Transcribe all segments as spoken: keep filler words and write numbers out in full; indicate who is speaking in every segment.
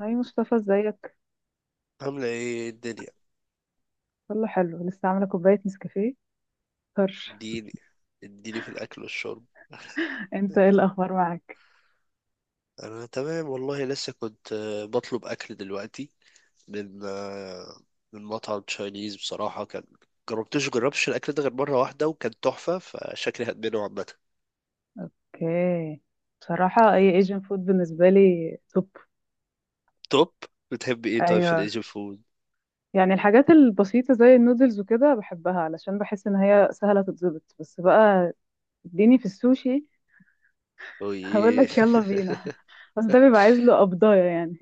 Speaker 1: هاي مصطفى، ازيك؟
Speaker 2: عاملة ايه الدنيا؟
Speaker 1: كله حلو، لسه عامله كوبايه نسكافيه طرش.
Speaker 2: اديني اديني في الأكل والشرب.
Speaker 1: انت ايه الاخبار معاك؟
Speaker 2: أنا تمام والله، لسه كنت آه، بطلب أكل دلوقتي من آه، من مطعم تشاينيز. بصراحة كان جربتش جربتش الأكل ده غير مرة واحدة وكان تحفة، فشكلي هدمنه عامة.
Speaker 1: اوكي، بصراحه اي ايجن فود بالنسبه لي توب.
Speaker 2: توب. بتحب ايه طيب في
Speaker 1: ايوه،
Speaker 2: الإيجن فود؟
Speaker 1: يعني الحاجات البسيطه زي النودلز وكده بحبها علشان بحس ان هي سهله تتظبط، بس بقى اديني في السوشي. هقول
Speaker 2: اوه.
Speaker 1: لك يلا بينا، بس ده بيبقى عايز له قبضايه يعني.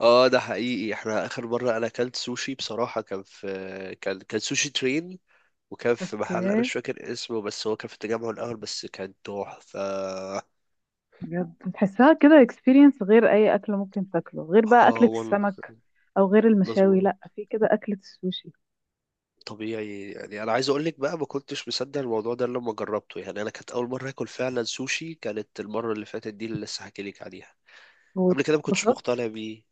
Speaker 2: اه، ده حقيقي. احنا آخر مرة أنا أكلت سوشي بصراحة، كان في كان كان سوشي ترين، وكان في محل أنا
Speaker 1: اوكي،
Speaker 2: مش فاكر اسمه، بس هو كان في التجمع الأول، بس كان تحفة.
Speaker 1: بجد بتحسها كده اكسبيرينس غير اي اكل ممكن تاكله، غير بقى
Speaker 2: اه
Speaker 1: اكله
Speaker 2: والله.
Speaker 1: السمك او غير
Speaker 2: بس
Speaker 1: المشاوي، لا في كده اكله السوشي.
Speaker 2: طبيعي يعني، انا عايز اقول لك بقى، ما كنتش مصدق الموضوع ده لما جربته. يعني انا كانت اول مره اكل فعلا سوشي، كانت المره اللي فاتت دي اللي لسه حكي لك عليها. قبل كده ما كنتش
Speaker 1: واتبسطت؟
Speaker 2: مقتنع بيه.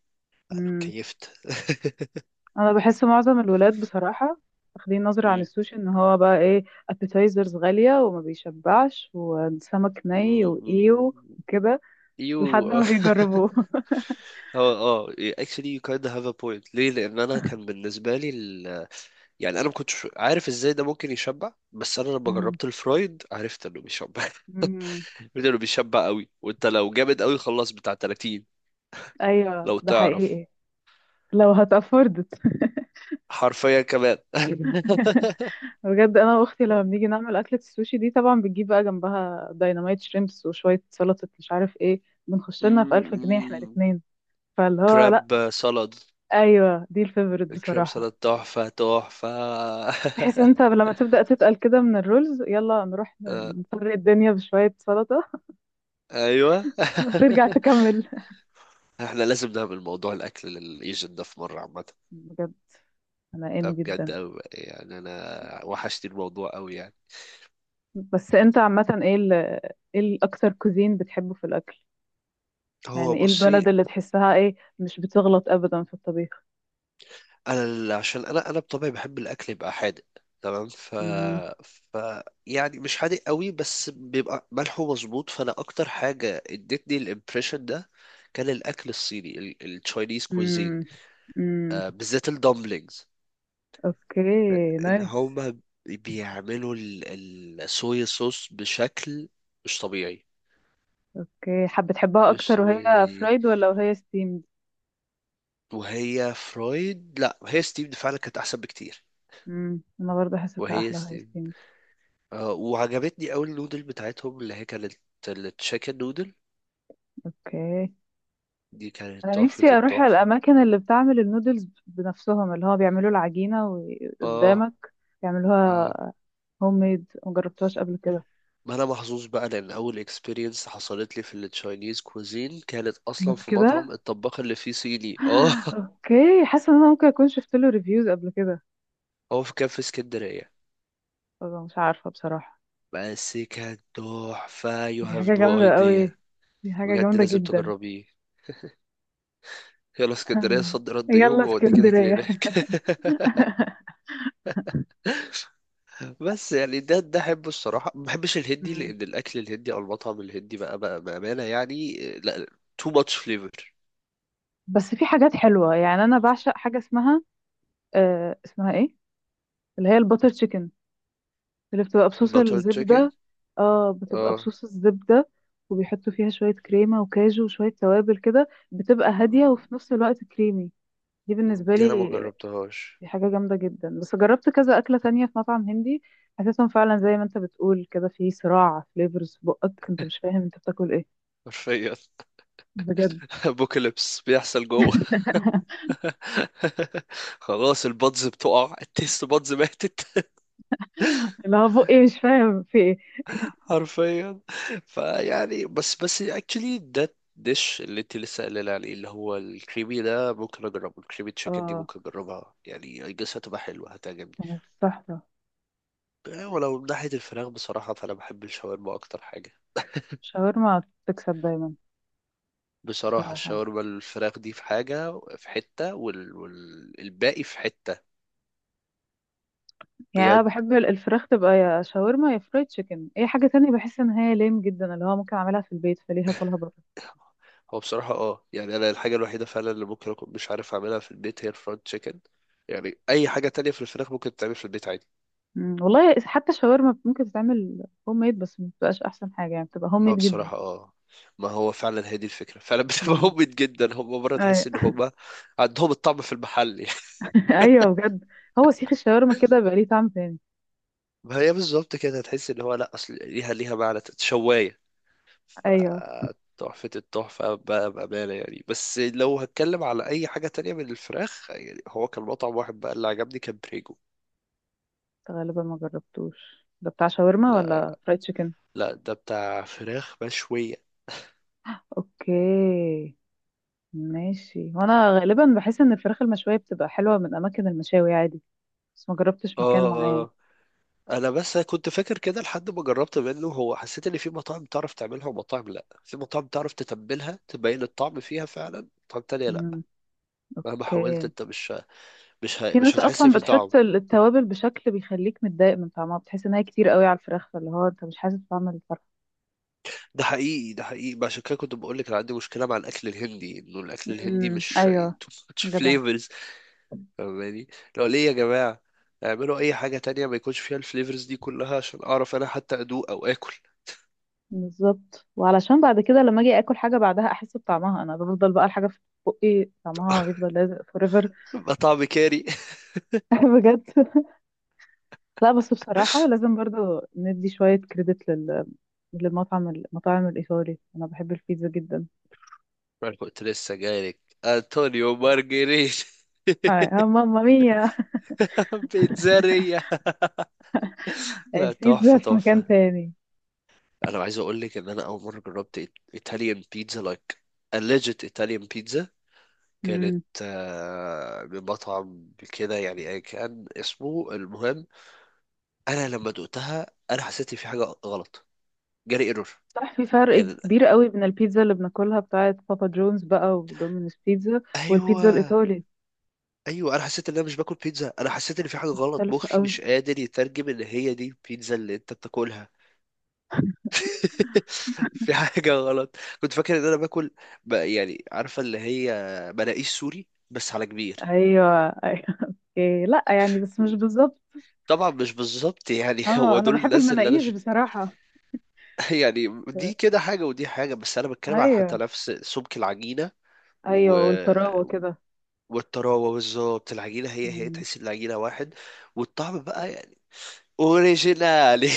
Speaker 1: مم.
Speaker 2: كيفت.
Speaker 1: انا بحس معظم الولاد بصراحة واخدين نظرة عن
Speaker 2: مم.
Speaker 1: السوشي ان هو بقى ايه، ابيتايزرز غالية وما بيشبعش وسمك ني وايه
Speaker 2: مم.
Speaker 1: وكده،
Speaker 2: يو.
Speaker 1: لحد ما بيجربوه.
Speaker 2: اه، اه. Actually you kinda have a point. ليه؟ لان انا كان بالنسبه لي ال... يعني انا ما كنتش عارف ازاي ده ممكن يشبع، بس انا لما
Speaker 1: مم.
Speaker 2: جربت الفرايد عرفت انه بيشبع.
Speaker 1: مم.
Speaker 2: انه بيشبع قوي. وانت لو جامد قوي خلاص بتاع ثلاثين،
Speaker 1: ايوه
Speaker 2: لو
Speaker 1: ده
Speaker 2: تعرف.
Speaker 1: حقيقي. لو هتأفوردت.
Speaker 2: حرفيا كمان.
Speaker 1: بجد انا واختي لما بنيجي نعمل اكلة السوشي دي طبعا بتجيب بقى جنبها دايناميت شريمبس وشوية سلطة مش عارف ايه، بنخش لنا في ألف جنيه احنا
Speaker 2: مم.
Speaker 1: الاتنين. فاللي هو لا،
Speaker 2: كراب سالاد.
Speaker 1: ايوه دي الفيفوريت
Speaker 2: كراب
Speaker 1: بصراحة.
Speaker 2: سالاد تحفة تحفة.
Speaker 1: بحيث انت لما تبدأ تتقل كده من الرولز، يلا نروح
Speaker 2: آه،
Speaker 1: نفرق الدنيا بشوية سلطة
Speaker 2: أيوة.
Speaker 1: وترجع تكمل.
Speaker 2: احنا لازم نعمل موضوع الأكل للإيجن ده في مرة عامة.
Speaker 1: بجد انا
Speaker 2: ده
Speaker 1: ان
Speaker 2: بجد
Speaker 1: جدا.
Speaker 2: أوي، يعني أنا وحشتني الموضوع أوي يعني.
Speaker 1: بس انت عامة ايه ال ايه الاكتر كوزين بتحبه في الاكل؟
Speaker 2: هو
Speaker 1: يعني ايه
Speaker 2: بصي،
Speaker 1: البلد اللي تحسها ايه مش بتغلط ابدا في الطبيخ؟
Speaker 2: انا ال- عشان انا انا بطبعي بحب الاكل يبقى حادق، تمام. ف...
Speaker 1: امم،
Speaker 2: ف يعني مش حادق قوي، بس بيبقى ملحه مظبوط. فانا اكتر حاجه ادتني الامبريشن ده كان الاكل الصيني، التشاينيز كوزين.
Speaker 1: امم، امم.
Speaker 2: آه بالذات الدمبلينجز.
Speaker 1: اوكي،
Speaker 2: ان
Speaker 1: نايس.
Speaker 2: هما بيعملوا ال- الصويا صوص بشكل مش طبيعي.
Speaker 1: اوكي، حابة تحبها
Speaker 2: مش
Speaker 1: اكتر وهي
Speaker 2: طبيعي.
Speaker 1: فرايد ولا وهي ستيمد؟
Speaker 2: وهي فرويد، لا هي ستيفد فعلا كانت احسن بكتير.
Speaker 1: امم، انا برضه حسيتها
Speaker 2: وهي،
Speaker 1: احلى وهي ستيمد.
Speaker 2: آه، وعجبتني قوي النودل بتاعتهم اللي هي كانت التشيكن نودل.
Speaker 1: اوكي.
Speaker 2: دي كانت
Speaker 1: انا
Speaker 2: تحفة
Speaker 1: نفسي اروح
Speaker 2: التحفة.
Speaker 1: الاماكن اللي بتعمل النودلز بنفسهم، اللي هو بيعملوا العجينه
Speaker 2: اه،
Speaker 1: وقدامك
Speaker 2: اه.
Speaker 1: يعملوها، هوم ميد، ما جربتهاش قبل كده.
Speaker 2: ما انا محظوظ بقى، لان اول اكسبيرينس حصلت لي في التشاينيز كوزين كانت اصلا
Speaker 1: كانت
Speaker 2: في
Speaker 1: كده.
Speaker 2: مطعم الطباخ اللي فيه صيني. اه.
Speaker 1: اوكي، حاسه ان انا ممكن اكون شفت له ريفيوز قبل كده،
Speaker 2: هو في كان في اسكندرية،
Speaker 1: بس مش عارفه بصراحه.
Speaker 2: بس كان تحفة. You
Speaker 1: دي
Speaker 2: have
Speaker 1: حاجه
Speaker 2: no
Speaker 1: جامده
Speaker 2: idea.
Speaker 1: قوي، دي حاجه
Speaker 2: بجد
Speaker 1: جامده
Speaker 2: لازم
Speaker 1: جدا.
Speaker 2: تجربيه. يلا اسكندرية صد رد يوم
Speaker 1: يلا
Speaker 2: واوديك كده
Speaker 1: اسكندريه.
Speaker 2: هناك. بس يعني ده ده احبه الصراحه. ما بحبش الهندي،
Speaker 1: مم.
Speaker 2: لان الاكل الهندي او المطعم الهندي بقى, بقى, بامانه يعني آه، لا. Too much flavor.
Speaker 1: بس في حاجات حلوه، يعني انا بعشق حاجه اسمها، آه اسمها ايه، اللي هي الباتر تشيكن، اللي بتبقى بصوص
Speaker 2: Butter chicken.
Speaker 1: الزبدة. اه بتبقى
Speaker 2: اه.
Speaker 1: بصوص الزبدة، وبيحطوا فيها شوية كريمة وكاجو وشوية توابل كده، بتبقى هادية
Speaker 2: مم،
Speaker 1: وفي نفس الوقت كريمي. دي بالنسبة
Speaker 2: دي
Speaker 1: لي
Speaker 2: انا ما جربتهاش.
Speaker 1: دي حاجة جامدة جدا. بس جربت كذا أكلة تانية في مطعم هندي، حسيتهم فعلا زي ما انت بتقول كده، في صراع فليفرز في بقك انت مش فاهم انت بتاكل ايه.
Speaker 2: حرفيا.
Speaker 1: بجد.
Speaker 2: ابوكاليبس بيحصل جوه. خلاص البادز بتقع، التيست بادز ماتت.
Speaker 1: اللي هو بقي مش فاهم في ايه.
Speaker 2: حرفيا. فيعني بس بس اكشلي ده ديش اللي انت لسه قايله عليه، اللي هو الكريمي ده، ممكن اجربه. الكريمي تشيكن دي
Speaker 1: اه
Speaker 2: ممكن اجربها يعني. I guess هتبقى حلوه هتعجبني.
Speaker 1: كانت تحفة.
Speaker 2: يعني ولو من ناحية الفراخ بصراحة، فأنا بحب الشاورما أكتر حاجة.
Speaker 1: شاورما تكسب دايما.
Speaker 2: بصراحة
Speaker 1: بصراحة يعني.
Speaker 2: الشاورما الفراخ دي في حاجة في حتة، والباقي وال... وال- الباقي في حتة.
Speaker 1: يعني انا
Speaker 2: بجد.
Speaker 1: بحب ال- الفراخ تبقى يا شاورما يا فرايد تشيكن، اي حاجه تانية بحس ان هي ليم جدا، اللي هو ممكن اعملها في البيت فليه هاكلها بره.
Speaker 2: هو بصراحة اه يعني أنا الحاجة الوحيدة فعلا اللي ممكن أكون مش عارف أعملها في البيت هي الفرايد تشيكن. يعني أي حاجة تانية في الفراخ ممكن تتعمل في البيت عادي.
Speaker 1: مم، والله حتى الشاورما ممكن تتعمل هوم ميد، بس ما بتبقاش احسن حاجه، يعني بتبقى هوم
Speaker 2: ما
Speaker 1: ميد جدا.
Speaker 2: بصراحة اه. ما هو فعلا هي دي الفكرة، فعلا بتبقى
Speaker 1: مم.
Speaker 2: هوبت جدا. هم مرة تحس إن
Speaker 1: ايوه.
Speaker 2: هم عندهم الطعم في المحل. يعني
Speaker 1: ايوه بجد، هو سيخ الشاورما كده بقى ليه طعم تاني.
Speaker 2: ما هي بالظبط كده، تحس إن هو لأ، أصل ليها ليها معنى شواية.
Speaker 1: ايوه،
Speaker 2: فتحفة التحفة بقى بأمانة يعني. بس لو هتكلم على أي حاجة تانية من الفراخ يعني، هو كان مطعم واحد بقى اللي عجبني كان بريجو.
Speaker 1: غالبا ما جربتوش ده، بتاع شاورما
Speaker 2: لا.
Speaker 1: ولا فرايد تشيكن؟
Speaker 2: لا، ده بتاع فراخ مشوية.
Speaker 1: اوكي، ماشي. وانا غالبا بحس ان الفراخ المشويه بتبقى حلوه من اماكن المشاوي عادي، بس ما جربتش مكان
Speaker 2: اه،
Speaker 1: معين.
Speaker 2: اه. أنا بس كنت فاكر كده لحد ما جربت منه. هو حسيت إن في مطاعم تعرف تعملها ومطاعم لأ. في مطاعم تعرف تتبلها، تبين الطعم فيها فعلا، مطاعم تانية لأ.
Speaker 1: مم،
Speaker 2: مهما حاولت
Speaker 1: اوكي.
Speaker 2: أنت مش مش ه-
Speaker 1: في
Speaker 2: مش
Speaker 1: ناس
Speaker 2: هتحس
Speaker 1: اصلا
Speaker 2: فيه طعم.
Speaker 1: بتحط ال- التوابل بشكل بيخليك متضايق من طعمها، بتحس ان هي كتير قوي على الفراخ، فاللي هو انت مش حاسس بطعم الفرخه.
Speaker 2: ده حقيقي، ده حقيقي بقى. عشان كده كنت بقول لك انا عندي مشكله مع الاكل الهندي، انه الاكل الهندي
Speaker 1: امم،
Speaker 2: مش يعني
Speaker 1: ايوه،
Speaker 2: too much
Speaker 1: جدع.
Speaker 2: flavors. فاهماني؟ لو ليه يا جماعه، اعملوا اي حاجه تانية ما يكونش فيها الفليفرز دي كلها عشان اعرف انا حتى ادوق او اكل.
Speaker 1: بالظبط، وعلشان بعد كده لما اجي اكل حاجه بعدها احس بطعمها، انا بفضل بقى الحاجه في، بقي طعمها يفضل لازق فوريفر.
Speaker 2: يبقى طعم كاري.
Speaker 1: بجد. لا بس بصراحه لازم برضو ندي شويه كريدت لل للمطعم المطاعم الايطالي، انا بحب البيتزا جدا.
Speaker 2: انا كنت لسه جايلك. انطونيو مارجريت.
Speaker 1: آه ماما ميا،
Speaker 2: بيتزارية. لا
Speaker 1: البيتزا
Speaker 2: تحفه
Speaker 1: في مكان
Speaker 2: تحفه.
Speaker 1: تاني.
Speaker 2: انا عايز اقول لك ان انا اول مره جربت ايطاليان بيتزا لايك a legit Italian pizza، كانت آه، بمطعم كده يعني أيا كان اسمه المهم. انا لما دقتها انا حسيت إن في حاجه غلط. جالي ايرور.
Speaker 1: صح، في فرق
Speaker 2: يعني،
Speaker 1: كبير قوي بين البيتزا اللي بناكلها بتاعه بابا جونز بقى ودومينوس بيتزا، والبيتزا
Speaker 2: ايوه،
Speaker 1: الايطالي
Speaker 2: ايوه. انا حسيت ان انا مش باكل بيتزا. انا حسيت ان في حاجه غلط،
Speaker 1: مختلفه
Speaker 2: مخي
Speaker 1: قوي.
Speaker 2: مش قادر يترجم ان هي دي البيتزا اللي انت بتاكلها. في حاجه غلط. كنت فاكر ان انا باكل ب- يعني عارفه اللي هي مناقيش، سوري، بس على كبير.
Speaker 1: ايوه، ايوه. اوكي، لا يعني بس مش بالظبط.
Speaker 2: طبعا مش بالظبط يعني.
Speaker 1: اه
Speaker 2: هو
Speaker 1: انا
Speaker 2: دول
Speaker 1: بحب
Speaker 2: الناس اللي انا.
Speaker 1: المناقيش بصراحه.
Speaker 2: يعني دي كده حاجة ودي حاجة، بس أنا بتكلم على حتى
Speaker 1: ايوه،
Speaker 2: نفس سمك العجينة و...
Speaker 1: ايوه والطراوه كده.
Speaker 2: والطراوة بالظبط. العجينة هي هي
Speaker 1: مم.
Speaker 2: تحس إن العجينة واحد، والطعم بقى يعني أوريجينالي.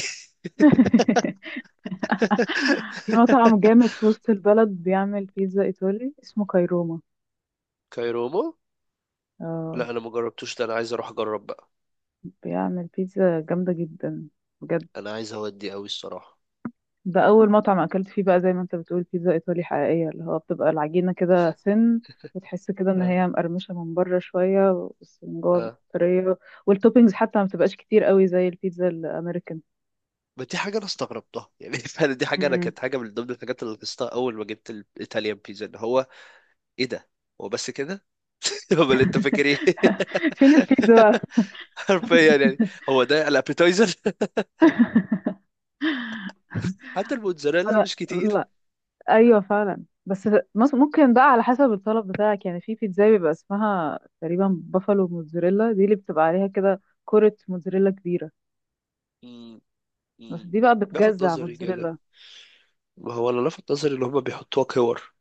Speaker 1: في مطعم جامد في وسط البلد بيعمل بيتزا ايطالي اسمه كايروما.
Speaker 2: كايرومو.
Speaker 1: اه،
Speaker 2: لا أنا ما جربتوش ده، أنا عايز أروح أجرب بقى.
Speaker 1: بيعمل بيتزا جامده جدا. بجد،
Speaker 2: أنا عايز أودي أوي الصراحة.
Speaker 1: ده اول مطعم اكلت فيه بقى زي ما انت بتقول بيتزا ايطالي حقيقيه، اللي هو بتبقى العجينه كده سن، وتحس كده ان
Speaker 2: آه.
Speaker 1: هي مقرمشه من بره شويه بس من جوه
Speaker 2: آه.
Speaker 1: طريه. والتوبينجز حتى ما بتبقاش كتير قوي زي البيتزا الامريكان.
Speaker 2: ما دي حاجة أنا استغربتها يعني. فعلا دي حاجة أنا،
Speaker 1: مم.
Speaker 2: كانت حاجة من ضمن الحاجات اللي لاحظتها أول ما جبت الإيطاليان بيتزا إن هو إيه ده؟ هو بس كده؟ هو اللي أنت فاكر إيه؟
Speaker 1: فين البيتزا بقى.
Speaker 2: حرفيا يعني. هو ده الابيتايزر. حتى الموتزاريلا
Speaker 1: انا
Speaker 2: مش كتير.
Speaker 1: لا، ايوه فعلا. بس مس- ممكن بقى على حسب الطلب بتاعك، يعني في بيتزا بيبقى اسمها تقريبا بافالو موتزاريلا، دي اللي بتبقى عليها كده كرة موتزاريلا كبيرة.
Speaker 2: مم،
Speaker 1: بس
Speaker 2: مم.
Speaker 1: دي بقى
Speaker 2: لفت
Speaker 1: بتجزع
Speaker 2: نظري كده.
Speaker 1: موتزاريلا.
Speaker 2: ما هو اللي لفت نظري اللي هما بيحطوها كور.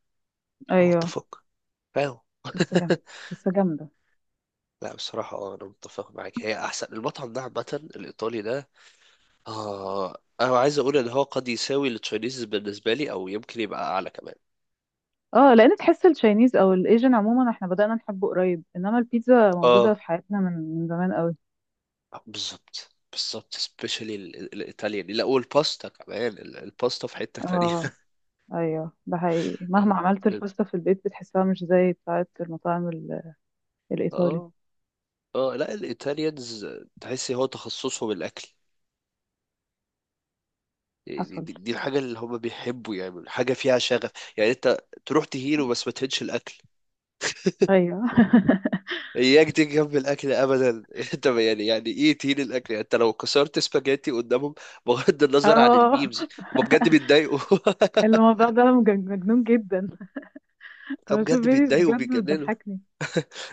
Speaker 2: هو
Speaker 1: ايوه.
Speaker 2: اتفق. فاهم.
Speaker 1: بس جامدة، بس جامدة.
Speaker 2: لا بصراحة اه أنا متفق معاك. هي أحسن المطعم ده عامة، الإيطالي ده. آه أنا عايز أقول إن هو قد يساوي التشاينيز بالنسبة لي، أو يمكن يبقى أعلى كمان.
Speaker 1: اه لان تحس التشاينيز او الايجن عموما احنا بدأنا نحبه قريب، انما البيتزا موجودة
Speaker 2: اه.
Speaker 1: في حياتنا من من زمان قوي.
Speaker 2: آه، بالظبط بالظبط. سبيشالي الإيطاليان، لا، والباستا كمان، ال- الباستا في حتة تانية.
Speaker 1: اه، ايوه ده حقيقي، مهما عملت الباستا في البيت بتحسها مش زي بتاعة المطاعم ال- الايطالي.
Speaker 2: اه، اه. لا الايطاليانز تحسي هو تخصصهم الاكل. يعني
Speaker 1: حصل.
Speaker 2: دي, دي الحاجه اللي هم بيحبوا يعملوا حاجه فيها شغف. يعني انت تروح تهيله بس ما تهينش الاكل.
Speaker 1: ايوه.
Speaker 2: اياك تيجي جنب الاكل ابدا. انت يعني يعني ايه تهين الاكل؟ يعني انت لو كسرت سباجيتي قدامهم، بغض النظر عن الميمز،
Speaker 1: اه،
Speaker 2: هم بجد بيتضايقوا.
Speaker 1: الموضوع ده مجن- مجنون جدا.
Speaker 2: هم
Speaker 1: انا بشوف
Speaker 2: بجد
Speaker 1: فيديوز
Speaker 2: بيتضايقوا
Speaker 1: بجد
Speaker 2: وبيتجننوا.
Speaker 1: بتضحكني.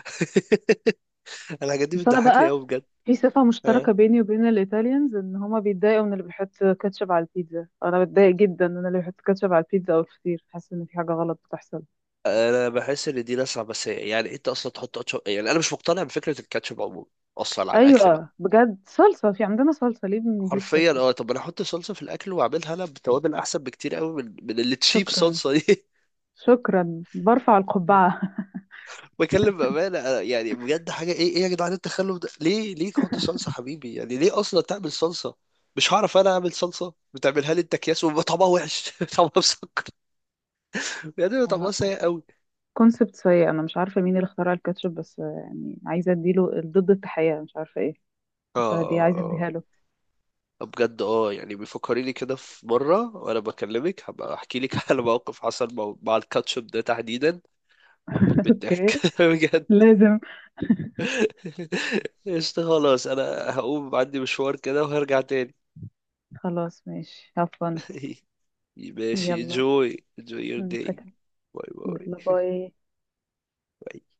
Speaker 2: الحاجات دي
Speaker 1: بس انا
Speaker 2: بتضحكني
Speaker 1: بقى
Speaker 2: قوي بجد.
Speaker 1: في صفة
Speaker 2: اه.
Speaker 1: مشتركة بيني وبين الإيطاليانز، إن هما بيتضايقوا من اللي بيحط كاتشب على البيتزا. أنا بتضايق جدا إن أنا اللي بيحط كاتشب على البيتزا أو الفطير، حاسة إن في حاجة غلط بتحصل.
Speaker 2: انا بحس ان دي ناس عبثيه. يعني انت اصلا تحط أتشو... يعني انا مش مقتنع بفكره الكاتشب عموما، اصلا على الاكل بقى.
Speaker 1: أيوة بجد، صلصة في عندنا، صلصة، ليه بنجيب
Speaker 2: حرفيا،
Speaker 1: كاتشب؟
Speaker 2: اه طب انا احط صلصه في الاكل واعملها انا بتوابل، احسن بكتير قوي من من اللي تشيب
Speaker 1: شكرا،
Speaker 2: صلصه دي.
Speaker 1: شكرا برفع القبعة.
Speaker 2: بكلم بامانه أنا يعني بجد، حاجه، ايه ايه يا جدعان التخلف ده؟ ليه ليه تحط صلصه حبيبي؟ يعني ليه اصلا تعمل صلصه؟ مش هعرف انا اعمل صلصه، بتعملها لي انت اكياس وبيبقى طعمها وحش. طعمها مسكر يعني، بيبقى طعمها
Speaker 1: لا،
Speaker 2: سيء قوي.
Speaker 1: كونسبت سيء. أنا مش عارفة مين اللي اخترع الكاتشب، بس يعني عايزة أديله ضد التحية، مش عارفة إيه،
Speaker 2: اه،
Speaker 1: بس دي عايزة أديها
Speaker 2: اه،
Speaker 1: له.
Speaker 2: اه بجد، اه يعني بيفكريني كده. في مره وانا بكلمك هبقى احكي لك على موقف حصل مع مع الكاتشب ده تحديدا. هموت من الضحك.
Speaker 1: أوكي، لازم.
Speaker 2: قشطة، خلاص انا هقوم عندي مشوار كده وهرجع تاني.
Speaker 1: خلاص ماشي هفن.
Speaker 2: ماشي.
Speaker 1: يلا
Speaker 2: enjoy enjoy your day.
Speaker 1: نتكلم. يلا
Speaker 2: باي.
Speaker 1: باي.
Speaker 2: باي.